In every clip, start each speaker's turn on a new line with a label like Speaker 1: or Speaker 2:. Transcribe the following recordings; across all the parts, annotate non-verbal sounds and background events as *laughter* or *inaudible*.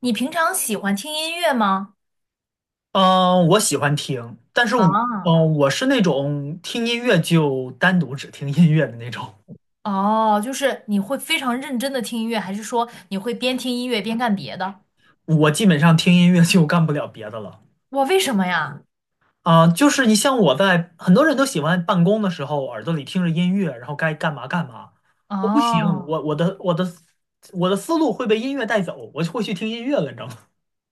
Speaker 1: 你平常喜欢听音乐吗？
Speaker 2: 嗯，我喜欢听，但是我，
Speaker 1: 啊，
Speaker 2: 嗯，我是那种听音乐就单独只听音乐的那种，
Speaker 1: 哦，就是你会非常认真的听音乐，还是说你会边听音乐边干别的？
Speaker 2: 我基本上听音乐就干不了别的了。
Speaker 1: 我为什么呀？
Speaker 2: 啊，就是你像很多人都喜欢办公的时候耳朵里听着音乐，然后该干嘛干嘛。我不行，
Speaker 1: 哦。
Speaker 2: 我我的我的我的思路会被音乐带走，我就会去听音乐了，你知道吗？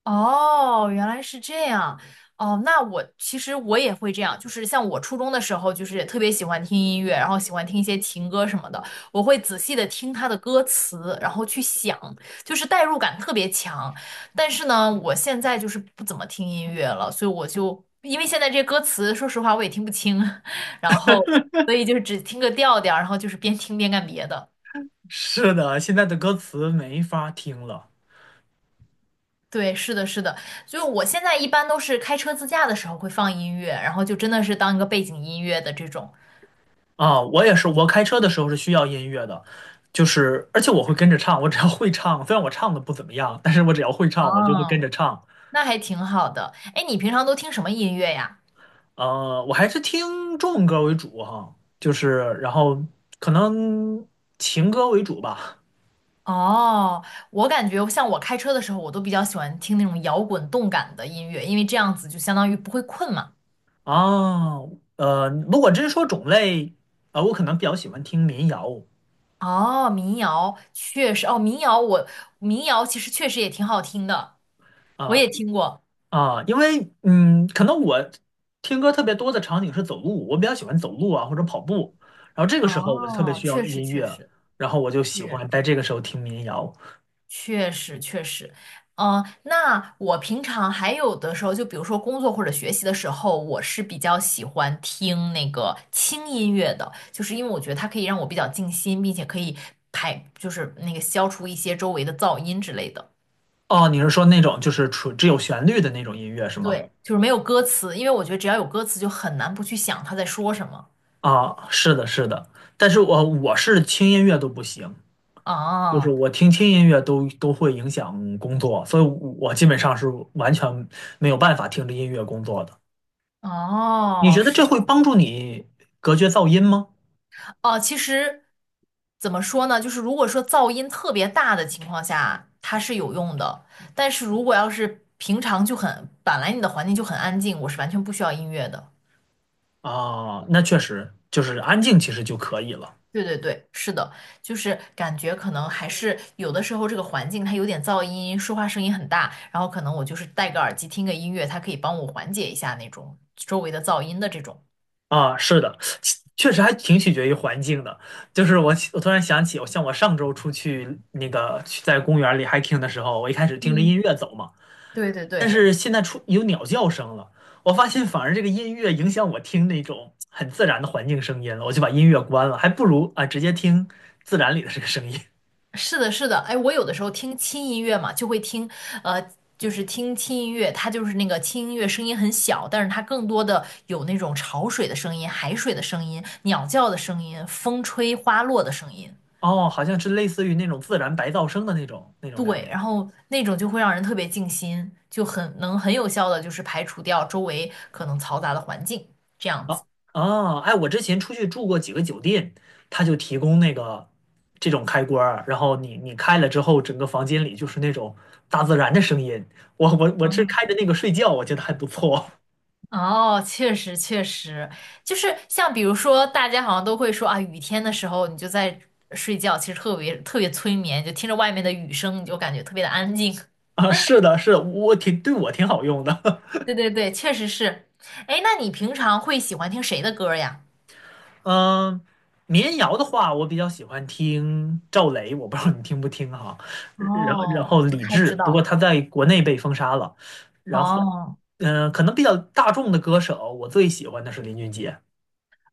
Speaker 1: 哦，原来是这样。哦，那我其实也会这样，就是像我初中的时候，就是也特别喜欢听音乐，然后喜欢听一些情歌什么的，我会仔细的听他的歌词，然后去想，就是代入感特别强。但是呢，我现在就是不怎么听音乐了，所以我就因为现在这些歌词，说实话我也听不清，*laughs* 然后所以就是只听个调调，然后就是边听边干别的。
Speaker 2: *laughs* 是的，现在的歌词没法听了。
Speaker 1: 对，是的，是的，就我现在一般都是开车自驾的时候会放音乐，然后就真的是当一个背景音乐的这种。
Speaker 2: 啊，我也是，我开车的时候是需要音乐的，就是而且我会跟着唱，我只要会唱，虽然我唱的不怎么样，但是我只要会唱，我就会跟
Speaker 1: 哦，
Speaker 2: 着唱。
Speaker 1: 那还挺好的。哎，你平常都听什么音乐呀？
Speaker 2: 我还是听中文歌为主哈，就是然后可能情歌为主吧。
Speaker 1: 哦，我感觉像我开车的时候，我都比较喜欢听那种摇滚动感的音乐，因为这样子就相当于不会困嘛。
Speaker 2: 啊，如果真说种类，啊，我可能比较喜欢听民谣
Speaker 1: 哦，民谣确实，哦，民谣其实确实也挺好听的，我
Speaker 2: 啊，
Speaker 1: 也听过。
Speaker 2: 啊，因为可能我听歌特别多的场景是走路，我比较喜欢走路啊或者跑步，然后这个时候我就特别
Speaker 1: 哦，
Speaker 2: 需要
Speaker 1: 确实
Speaker 2: 音
Speaker 1: 确
Speaker 2: 乐，
Speaker 1: 实
Speaker 2: 然后我就喜
Speaker 1: 确
Speaker 2: 欢在
Speaker 1: 实。
Speaker 2: 这个时候听民谣。
Speaker 1: 确实确实，那我平常还有的时候，就比如说工作或者学习的时候，我是比较喜欢听那个轻音乐的，就是因为我觉得它可以让我比较静心，并且可以排，就是那个消除一些周围的噪音之类的。
Speaker 2: 哦，你是说那种就是纯只有旋律的那种音乐是吗？
Speaker 1: 对，就是没有歌词，因为我觉得只要有歌词，就很难不去想他在说什么。
Speaker 2: 啊，是的，是的，但是我是轻音乐都不行，就是
Speaker 1: 哦
Speaker 2: 我听轻音乐都会影响工作，所以我基本上是完全没有办法听着音乐工作的。你
Speaker 1: 哦，
Speaker 2: 觉得
Speaker 1: 是
Speaker 2: 这会帮助你隔绝噪音吗？
Speaker 1: 哦，其实怎么说呢？就是如果说噪音特别大的情况下，它是有用的。但是如果要是平常就很，本来你的环境就很安静，我是完全不需要音乐的。
Speaker 2: 啊，那确实就是安静，其实就可以了
Speaker 1: 对对对，是的，就是感觉可能还是有的时候这个环境它有点噪音，说话声音很大，然后可能我就是戴个耳机听个音乐，它可以帮我缓解一下那种周围的噪音的这种。
Speaker 2: 啊。是的，其确实还挺取决于环境的。就是我突然想起，我像我上周出去去在公园里 h 听的时候，我一开始听着音乐走嘛，
Speaker 1: 对对
Speaker 2: 但
Speaker 1: 对。
Speaker 2: 是现在出有鸟叫声了，我发现反而这个音乐影响我听那种很自然的环境声音了，我就把音乐关了，还不如啊直接听自然里的这个声音。
Speaker 1: 是的，是的，哎，我有的时候听轻音乐嘛，就会听，呃，就是听轻音乐，它就是那个轻音乐声音很小，但是它更多的有那种潮水的声音、海水的声音、鸟叫的声音、风吹花落的声音，
Speaker 2: 哦，好像是类似于那种自然白噪声的那种感
Speaker 1: 对，
Speaker 2: 觉。
Speaker 1: 然后那种就会让人特别静心，就很能很有效的就是排除掉周围可能嘈杂的环境，这样子。
Speaker 2: 啊啊！哎，我之前出去住过几个酒店，他就提供那个这种开关儿然后你开了之后，整个房间里就是那种大自然的声音。我是
Speaker 1: 嗯
Speaker 2: 开着那个睡觉，我觉得还不错
Speaker 1: 哦，确实确实，就是像比如说，大家好像都会说啊，雨天的时候你就在睡觉，其实特别特别催眠，就听着外面的雨声，你就感觉特别的安静。
Speaker 2: *laughs* 啊。是的，是的我挺好用的。
Speaker 1: 对对对，确实是。哎，那你平常会喜欢听谁的歌呀？
Speaker 2: *laughs* 嗯，民谣的话，我比较喜欢听赵雷，我不知道你听不听哈。然后然
Speaker 1: 哦，
Speaker 2: 后
Speaker 1: 不
Speaker 2: 李
Speaker 1: 太
Speaker 2: 志，
Speaker 1: 知
Speaker 2: 不过
Speaker 1: 道。
Speaker 2: 他在国内被封杀了。然后，
Speaker 1: 哦
Speaker 2: 可能比较大众的歌手，我最喜欢的是林俊杰。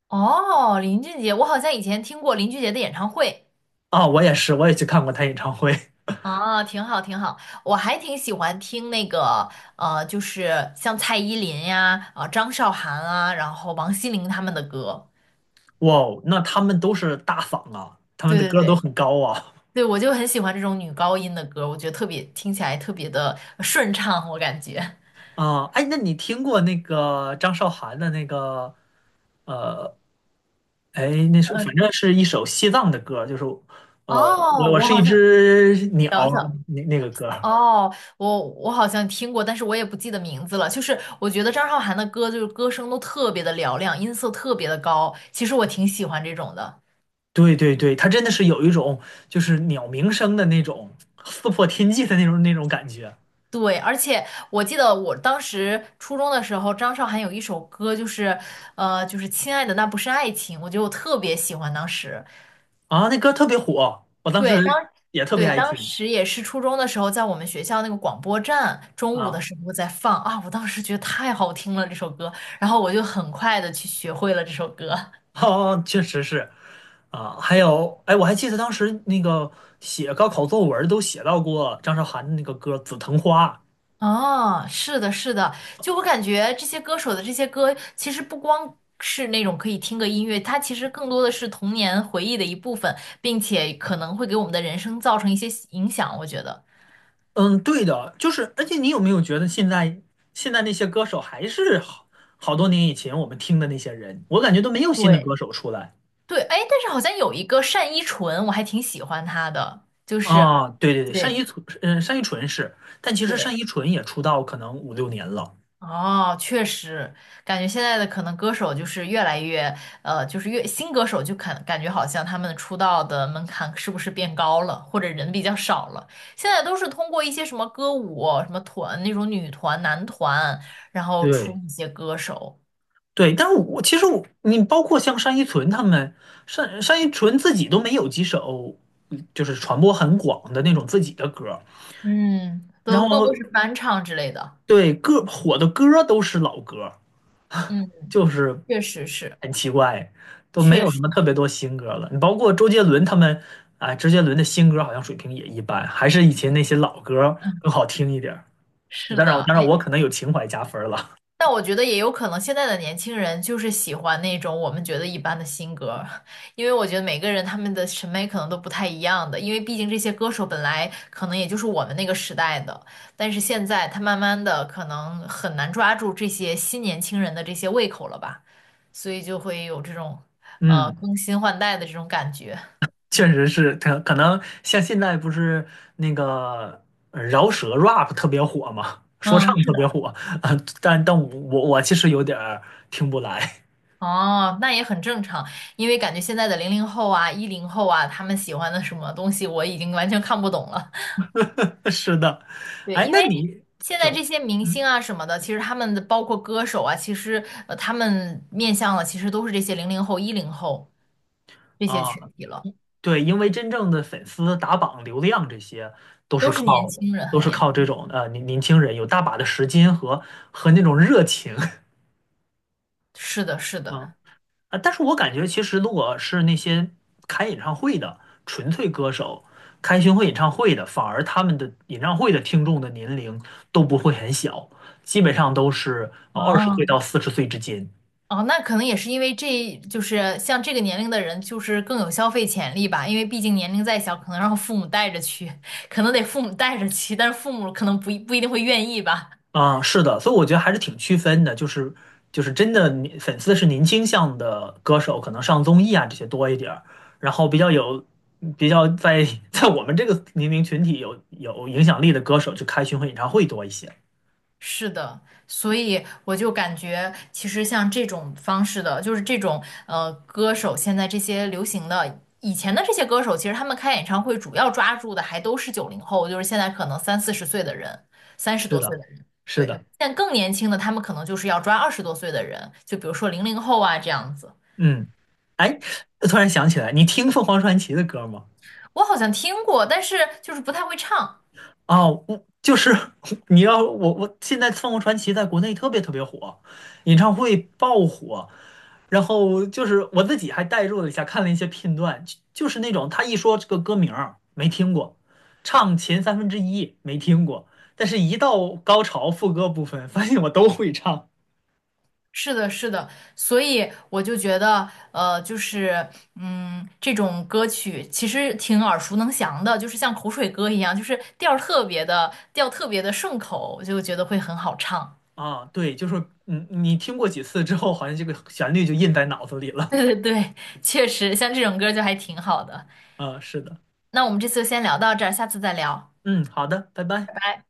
Speaker 1: 哦，林俊杰，我好像以前听过林俊杰的演唱会。
Speaker 2: 啊，我也是，我也去看过他演唱会。*laughs*
Speaker 1: 啊，挺好，挺好，我还挺喜欢听那个，就是像蔡依林呀、啊、张韶涵啊，然后王心凌他们的歌。
Speaker 2: 哇哦，那他们都是大嗓啊，他们
Speaker 1: 对
Speaker 2: 的
Speaker 1: 对
Speaker 2: 歌都
Speaker 1: 对，
Speaker 2: 很高啊。
Speaker 1: 对，我就很喜欢这种女高音的歌，我觉得特别听起来特别的顺畅，我感觉。
Speaker 2: 啊，哎，那你听过那个张韶涵的呃，哎，那是反正
Speaker 1: *laughs*
Speaker 2: 是一首西藏的歌，就是呃，
Speaker 1: 哦，
Speaker 2: 我
Speaker 1: 我
Speaker 2: 是一
Speaker 1: 好像
Speaker 2: 只鸟
Speaker 1: 等等，
Speaker 2: 那个歌。
Speaker 1: 哦，我好像听过，但是我也不记得名字了。就是我觉得张韶涵的歌，就是歌声都特别的嘹亮，音色特别的高，其实我挺喜欢这种的。
Speaker 2: 对对对，它真的是有一种就是鸟鸣声的那种撕破天际的那种感觉
Speaker 1: 对，而且我记得我当时初中的时候，张韶涵有一首歌，就是就是《亲爱的那不是爱情》，我觉得我特别喜欢。当时，
Speaker 2: 啊，那歌特别火，我当
Speaker 1: 对，当
Speaker 2: 时也特别
Speaker 1: 对
Speaker 2: 爱
Speaker 1: 当
Speaker 2: 听。
Speaker 1: 时也是初中的时候，在我们学校那个广播站，中午的
Speaker 2: 啊。
Speaker 1: 时候在放啊，我当时觉得太好听了这首歌，然后我就很快的去学会了这首歌。
Speaker 2: *laughs* 哦，确实是，啊，还有，哎，我还记得当时那个写高考作文儿都写到过张韶涵的那个歌《紫藤花》。
Speaker 1: 哦，是的，是的，就我感觉这些歌手的这些歌，其实不光是那种可以听个音乐，它其实更多的是童年回忆的一部分，并且可能会给我们的人生造成一些影响，我觉得。
Speaker 2: 嗯，对的，就是，而且你有没有觉得现在那些歌手还是好多年以前我们听的那些人，我感觉都没有新的歌
Speaker 1: 对，
Speaker 2: 手出来
Speaker 1: 对，哎，但是好像有一个单依纯，我还挺喜欢她的，就是，
Speaker 2: 啊。对对对，单
Speaker 1: 对
Speaker 2: 依纯，嗯，单依纯是，但其实单
Speaker 1: 对，
Speaker 2: 依纯也出道可能五六年了。
Speaker 1: 哦，确实，感觉现在的可能歌手就是越来越，就是越新歌手就感觉好像他们出道的门槛是不是变高了，或者人比较少了？现在都是通过一些什么歌舞、什么团那种女团、男团，然后出
Speaker 2: 对。
Speaker 1: 一些歌手，
Speaker 2: 对，但是其实我你包括像单依纯他们，单依纯自己都没有几首，就是传播很广的那种自己的歌儿
Speaker 1: 嗯，
Speaker 2: 然
Speaker 1: 都更多
Speaker 2: 后
Speaker 1: 是翻唱之类的，
Speaker 2: 对歌火的歌儿都是老歌儿
Speaker 1: 嗯，
Speaker 2: 就是
Speaker 1: 确实是，
Speaker 2: 很奇怪，都没
Speaker 1: 确
Speaker 2: 有什
Speaker 1: 实，
Speaker 2: 么特别多新歌了。你包括周杰伦他们，啊、周杰伦的新歌好像水平也一般，还是以前那些老歌儿
Speaker 1: 嗯，
Speaker 2: 更好听一点儿。
Speaker 1: 是
Speaker 2: 当然，
Speaker 1: 的，
Speaker 2: 当然我
Speaker 1: 哎。
Speaker 2: 可能有情怀加分儿了。
Speaker 1: 但我觉得也有可能，现在的年轻人就是喜欢那种我们觉得一般的新歌，因为我觉得每个人他们的审美可能都不太一样的，因为毕竟这些歌手本来可能也就是我们那个时代的，但是现在他慢慢的可能很难抓住这些新年轻人的这些胃口了吧，所以就会有这种
Speaker 2: *laughs* 嗯
Speaker 1: 更新换代的这种感觉。
Speaker 2: 确实是，可能像现在不是那个饶舌 rap 特别火嘛，说
Speaker 1: 嗯，
Speaker 2: 唱
Speaker 1: 是
Speaker 2: 特别
Speaker 1: 的。
Speaker 2: 火啊，但我其实有点儿听不来。
Speaker 1: 哦，那也很正常，因为感觉现在的零零后啊、一零后啊，他们喜欢的什么东西我已经完全看不懂了。
Speaker 2: *laughs* 是的，
Speaker 1: 对，
Speaker 2: 哎，
Speaker 1: 因
Speaker 2: 那
Speaker 1: 为
Speaker 2: 你
Speaker 1: 现在这
Speaker 2: 有
Speaker 1: 些明星
Speaker 2: 嗯
Speaker 1: 啊什么的，其实他们的包括歌手啊，其实他们面向的其实都是这些零零后、一零后这些
Speaker 2: 啊，
Speaker 1: 群体了，
Speaker 2: 对，因为真正的粉丝打榜、流量这些都是
Speaker 1: 都是年
Speaker 2: 靠
Speaker 1: 轻人，
Speaker 2: 都
Speaker 1: 很
Speaker 2: 是
Speaker 1: 年轻。
Speaker 2: 靠这种呃年年轻人有大把的时间和和那种热情。*laughs*
Speaker 1: 是的，是的。
Speaker 2: 啊，但是我感觉其实如果是那些开演唱会的纯粹歌手，开巡回演唱会的，反而他们的演唱会的听众的年龄都不会很小，基本上都是呃二十
Speaker 1: 哦
Speaker 2: 岁到四十岁之间。
Speaker 1: 哦，那可能也是因为这就是像这个年龄的人，就是更有消费潜力吧，因为毕竟年龄再小，可能让父母带着去，可能得父母带着去，但是父母可能不一定会愿意吧。
Speaker 2: 啊，是的，所以我觉得还是挺区分的，就是真的你粉丝是年轻向的歌手，可能上综艺啊这些多一点儿，然后比较在 *laughs* 在我们这个年龄群体有影响力的歌手，就开巡回演唱会多一些。
Speaker 1: 是的，所以我就感觉，其实像这种方式的，就是这种歌手，现在这些流行的，以前的这些歌手，其实他们开演唱会主要抓住的还都是九零后，就是现在可能三四十岁的人，三十
Speaker 2: 是
Speaker 1: 多岁
Speaker 2: 的，
Speaker 1: 的人，
Speaker 2: 是
Speaker 1: 对，
Speaker 2: 的。
Speaker 1: 但更年轻的他们可能就是要抓二十多岁的人，就比如说零零后啊这样子。
Speaker 2: 嗯，哎，突然想起来，你听凤凰传奇的歌吗？
Speaker 1: 我好像听过，但是就是不太会唱。
Speaker 2: 啊，我就是 *laughs* 你要我我现在凤凰传奇在国内特别特别火，演唱会爆火，然后就是我自己还代入了一下，看了一些片段，就是那种他一说这个歌名儿没听过，唱前1/3没听过，但是一到高潮副歌部分，发现我都会唱
Speaker 1: 是的，是的，所以我就觉得，就是，这种歌曲其实挺耳熟能详的，就是像口水歌一样，就是调儿特别的，调特别的顺口，我就觉得会很好唱。
Speaker 2: 啊，对，就是嗯，你听过几次之后，好像这个旋律就印在脑子里
Speaker 1: *laughs*
Speaker 2: 了，
Speaker 1: 对对对，确实，像这种歌就还挺好的。
Speaker 2: 啊，是的。
Speaker 1: 那我们这次就先聊到这儿，下次再聊，
Speaker 2: 嗯，好的，拜
Speaker 1: 拜
Speaker 2: 拜。
Speaker 1: 拜。